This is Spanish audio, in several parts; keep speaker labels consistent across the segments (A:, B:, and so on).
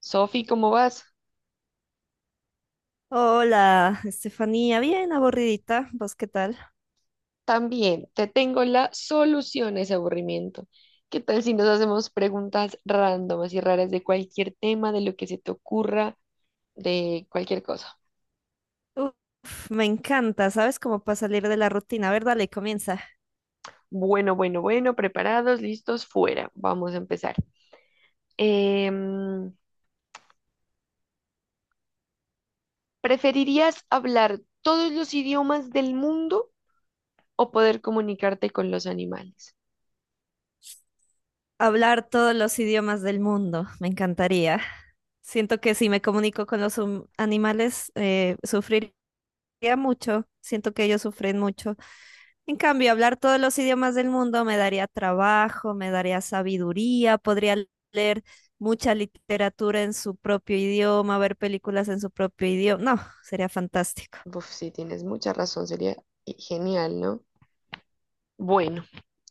A: Sofi, ¿cómo vas?
B: Hola, Estefanía, bien aburridita, ¿vos qué tal?
A: También te tengo la solución a ese aburrimiento. ¿Qué tal si nos hacemos preguntas rándomas y raras de cualquier tema, de lo que se te ocurra, de cualquier cosa?
B: Uf, me encanta, ¿sabes? Como para salir de la rutina. A ver, dale, comienza.
A: Bueno, bueno, bueno, preparados, listos, fuera. Vamos a empezar. Em, ¿Preferirías hablar todos los idiomas del mundo o poder comunicarte con los animales?
B: Hablar todos los idiomas del mundo, me encantaría. Siento que si me comunico con los animales, sufriría mucho, siento que ellos sufren mucho. En cambio, hablar todos los idiomas del mundo me daría trabajo, me daría sabiduría, podría leer mucha literatura en su propio idioma, ver películas en su propio idioma. No, sería fantástico.
A: Uf, sí, tienes mucha razón, sería genial, ¿no? Bueno,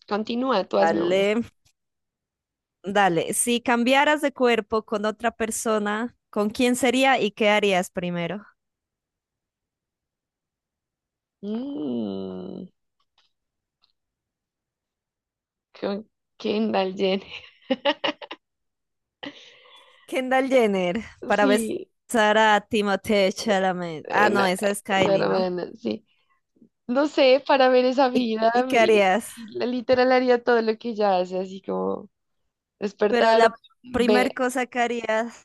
A: continúa, tú hazme una.
B: Dale, dale. Si cambiaras de cuerpo con otra persona, ¿con quién sería y qué harías primero?
A: Mm, con Kendall Jenner.
B: Kendall Jenner para
A: Sí,
B: besar a Timothée Chalamet. Ah,
A: no,
B: no, esa es
A: la
B: Kylie, ¿no?
A: hermana, sí. No sé, para ver esa
B: ¿Y,
A: vida,
B: y qué harías?
A: y la literal haría todo lo que ella hace, así como
B: Pero
A: despertarme,
B: la primer
A: ve-
B: cosa que harías,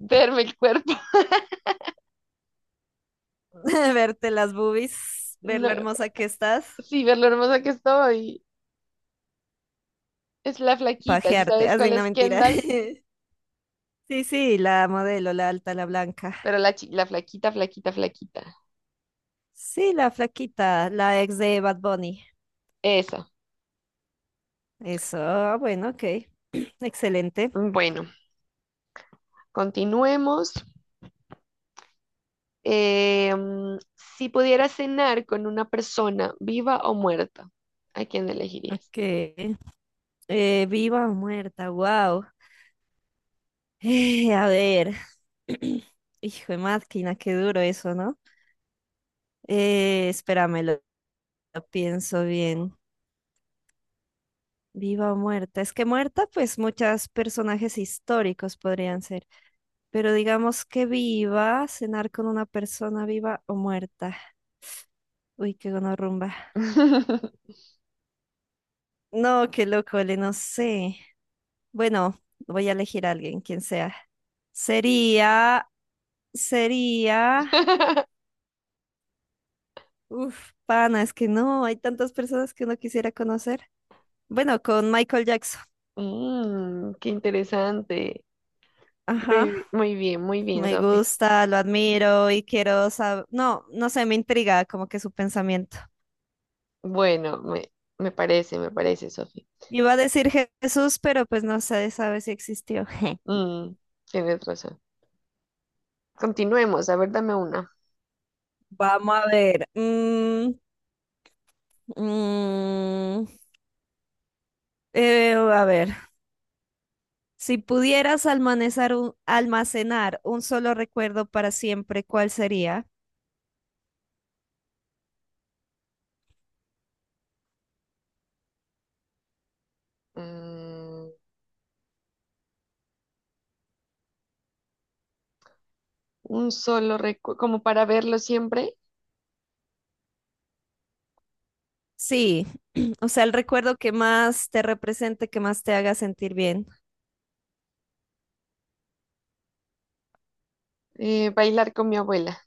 A: verme el cuerpo,
B: verte las boobies, ver lo
A: no,
B: hermosa que estás,
A: sí, ver lo hermosa que estoy. Es la flaquita, si
B: pajearte,
A: sabes
B: así
A: cuál
B: no
A: es
B: mentira.
A: Kendall,
B: Sí, sí, la modelo, la alta, la blanca.
A: pero la, la flaquita, flaquita, flaquita.
B: Sí, la flaquita, la ex de Bad Bunny.
A: Eso.
B: Eso, ah, bueno, ok. Excelente.
A: Bueno, continuemos. Si pudiera cenar con una persona viva o muerta, ¿a quién elegirías?
B: Ok. Viva o muerta, wow. A ver. Hijo de máquina, qué duro eso, ¿no? Espérame, lo pienso bien. Viva o muerta. Es que muerta, pues muchos personajes históricos podrían ser. Pero digamos que viva, cenar con una persona viva o muerta. Uy, qué gonorrumba. No, qué loco, le no sé. Bueno, voy a elegir a alguien, quien sea. Sería, sería, uf, pana, es que no, hay tantas personas que uno quisiera conocer. Bueno, con Michael Jackson.
A: Mm, qué interesante.
B: Ajá,
A: Muy, muy bien,
B: me
A: Sofi.
B: gusta, lo admiro y quiero saber, no sé, me intriga como que su pensamiento.
A: Bueno, me parece, Sofi.
B: Iba a decir Jesús, pero pues no se sabe si existió.
A: Mm, tienes razón. Continuemos, a ver, dame una.
B: Vamos a ver. Mm, a ver. Si pudieras almacenar un solo recuerdo para siempre, ¿cuál sería?
A: Mm, un solo recuerdo, como para verlo siempre,
B: Sí, o sea, el recuerdo que más te represente, que más te haga sentir bien.
A: bailar con mi abuela.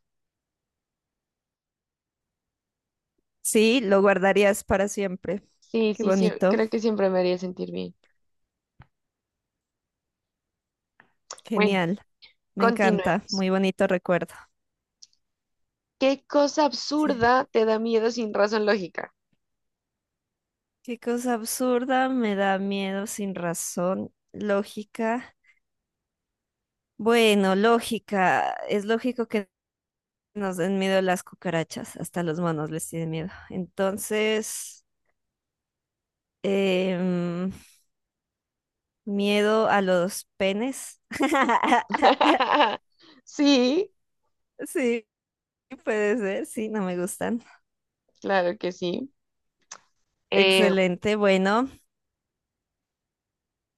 B: Sí, lo guardarías para siempre.
A: Sí,
B: Qué
A: sí, sí,
B: bonito,
A: creo que siempre me haría sentir bien. Bueno,
B: genial, me encanta,
A: continuemos.
B: muy bonito recuerdo.
A: ¿Qué cosa
B: Sí.
A: absurda te da miedo sin razón lógica?
B: Qué cosa absurda, me da miedo sin razón, lógica. Bueno, lógica, es lógico que nos den miedo las cucarachas, hasta los monos les tienen miedo. Entonces… Em, miedo a los penes.
A: Sí,
B: Sí, puede ser, sí, no me gustan.
A: claro que sí. Eh,
B: Excelente, bueno.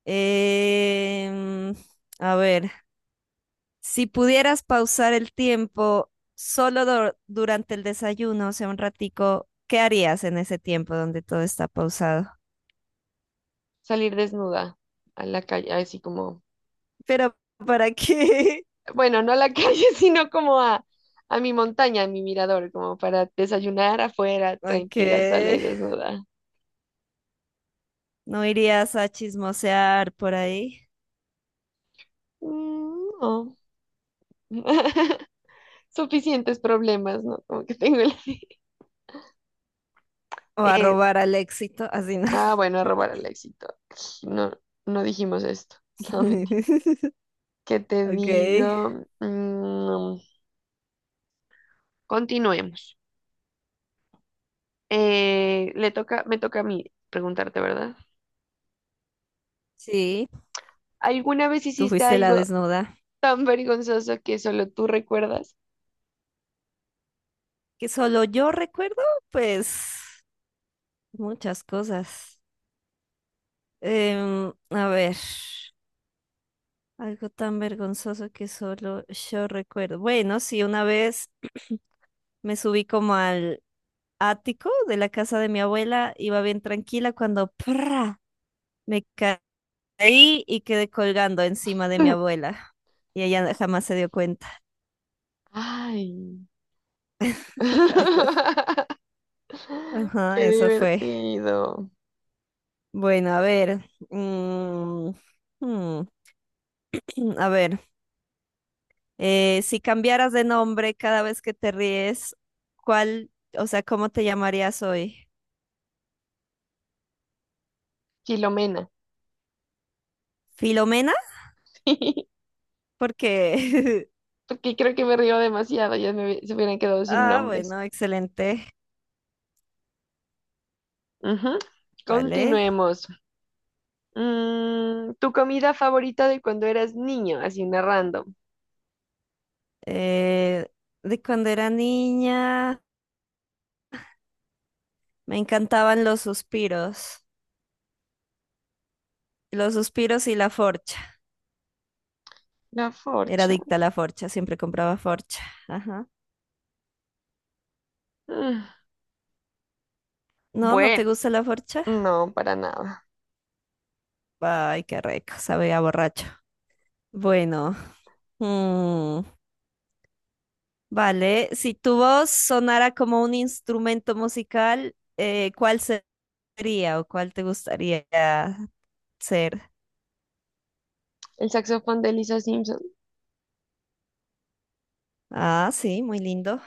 B: em, a ver, si pudieras pausar el tiempo solo durante el desayuno, o sea, un ratico, ¿qué harías en ese tiempo donde todo está pausado?
A: salir desnuda a la calle, así como,
B: Pero, ¿para qué?
A: bueno, no a la calle, sino como a mi montaña, a mi mirador, como para desayunar afuera,
B: Ok,
A: tranquila, sola y desnuda.
B: ¿no irías a chismosear por ahí?
A: Mm, no. Suficientes problemas, ¿no? Como que tengo el...
B: O a
A: Eh,
B: robar al éxito, así no.
A: bueno, robar al éxito. No, no dijimos esto. No, ¿qué te
B: Ok.
A: digo? Mm, continuemos. Me toca a mí preguntarte, ¿verdad?
B: Sí,
A: ¿Alguna vez
B: tú
A: hiciste
B: fuiste la
A: algo
B: desnuda.
A: tan vergonzoso que solo tú recuerdas?
B: Que solo yo recuerdo, pues, muchas cosas. A ver, algo tan vergonzoso que solo yo recuerdo. Bueno, sí, una vez me subí como al ático de la casa de mi abuela, iba bien tranquila cuando ¡prra! Me caí y quedé colgando encima de mi abuela. Y ella jamás se dio cuenta.
A: Ay.
B: Ajá,
A: Qué
B: eso fue.
A: divertido.
B: Bueno, a ver. mm, mm, a ver. Si cambiaras de nombre cada vez que te ríes, ¿cuál, o sea, cómo te llamarías hoy?
A: Filomena.
B: ¿Filomena? Porque…
A: Porque creo que me río demasiado, ya se hubieran quedado sin
B: Ah,
A: nombres.
B: bueno, excelente.
A: Ujú.
B: Vale.
A: Continuemos. Mm, ¿tu comida favorita de cuando eras niño? Así una random.
B: Eh, de cuando era niña, me encantaban los suspiros. Los suspiros y la forcha.
A: La
B: Era
A: forcha.
B: adicta a la forcha, siempre compraba forcha. Ajá.
A: Mm,
B: No, ¿no
A: bueno,
B: te gusta la forcha?
A: no, para nada.
B: Ay, qué rico, sabe a borracho. Bueno, mm, vale. Si tu voz sonara como un instrumento musical, ¿cuál sería o cuál te gustaría ser?
A: El saxofón de Lisa Simpson.
B: Ah, sí, muy lindo.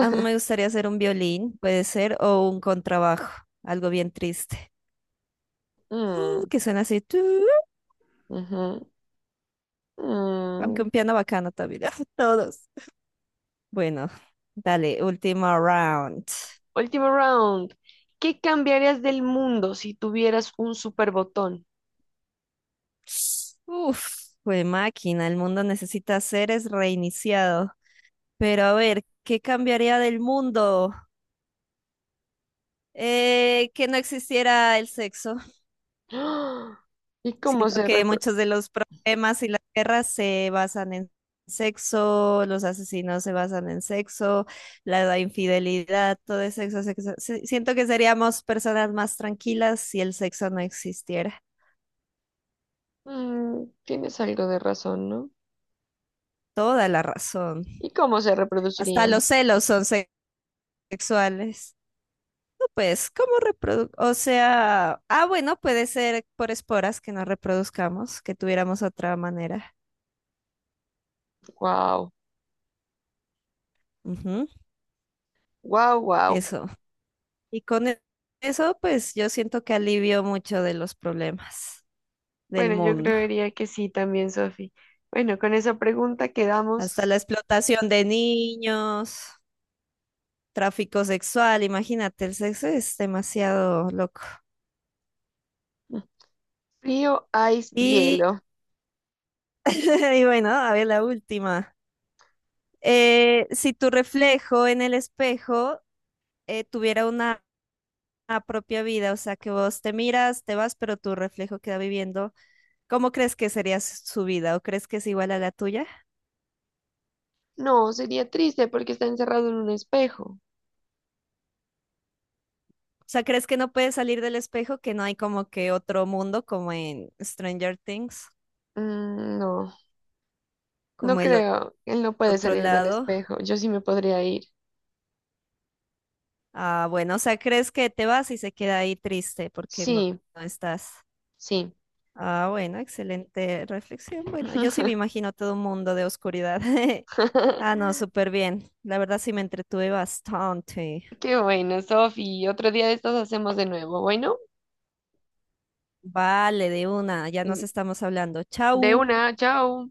B: A mí me gustaría ser un violín, puede ser, o un contrabajo, algo bien triste. Mm,
A: Mm,
B: que suena así, tu,
A: ujú,
B: aunque
A: mm.
B: un piano bacano también. Todos. Bueno, dale, última round.
A: Último round. ¿Qué cambiarías del mundo si tuvieras un super botón?
B: Uf, fue máquina, el mundo necesita seres reiniciado. Pero a ver, ¿qué cambiaría del mundo? Que no existiera el sexo.
A: ¡Ah! ¿Y cómo
B: Siento
A: se
B: que
A: repro...
B: muchos de los problemas y las guerras se basan en sexo, los asesinos se basan en sexo, la infidelidad, todo es sexo, sexo. Siento que seríamos personas más tranquilas si el sexo no existiera.
A: Mm, tienes algo de razón, ¿no?
B: Toda la razón.
A: ¿Y cómo se
B: Hasta
A: reproducirían?
B: los celos son sexuales. Pues, ¿cómo reproduc? O sea, ah, bueno, puede ser por esporas que no reproduzcamos, que tuviéramos otra manera.
A: Wow,
B: Ujú.
A: wow, wow.
B: Eso. Y con eso, pues yo siento que alivio mucho de los problemas del
A: Bueno, yo
B: mundo.
A: creería que sí también, Sofi. Bueno, con esa pregunta
B: Hasta
A: quedamos
B: la explotación de niños, tráfico sexual, imagínate, el sexo es demasiado loco.
A: frío, ice,
B: Y
A: hielo.
B: y bueno, a ver la última. Si tu reflejo en el espejo tuviera una a propia vida, o sea, que vos te miras, te vas, pero tu reflejo queda viviendo. ¿Cómo crees que sería su vida o crees que es igual a la tuya?
A: No, sería triste porque está encerrado en un espejo.
B: O sea, ¿crees que no puedes salir del espejo, que no hay como que otro mundo como en Stranger Things,
A: Mm, no, no
B: como el
A: creo. Él no puede
B: otro
A: salir del
B: lado?
A: espejo. Yo sí me podría ir.
B: Ah, bueno, o sea, ¿crees que te vas y se queda ahí triste porque no,
A: Sí,
B: no estás?
A: sí.
B: Ah, bueno, excelente reflexión. Bueno, yo sí me imagino todo un mundo de oscuridad. Ah, no, súper bien. La verdad sí me entretuve bastante.
A: Qué bueno, Sofi. Otro día de estos hacemos de nuevo. Bueno,
B: Vale, de una, ya nos estamos hablando.
A: de
B: Chau.
A: una, chao.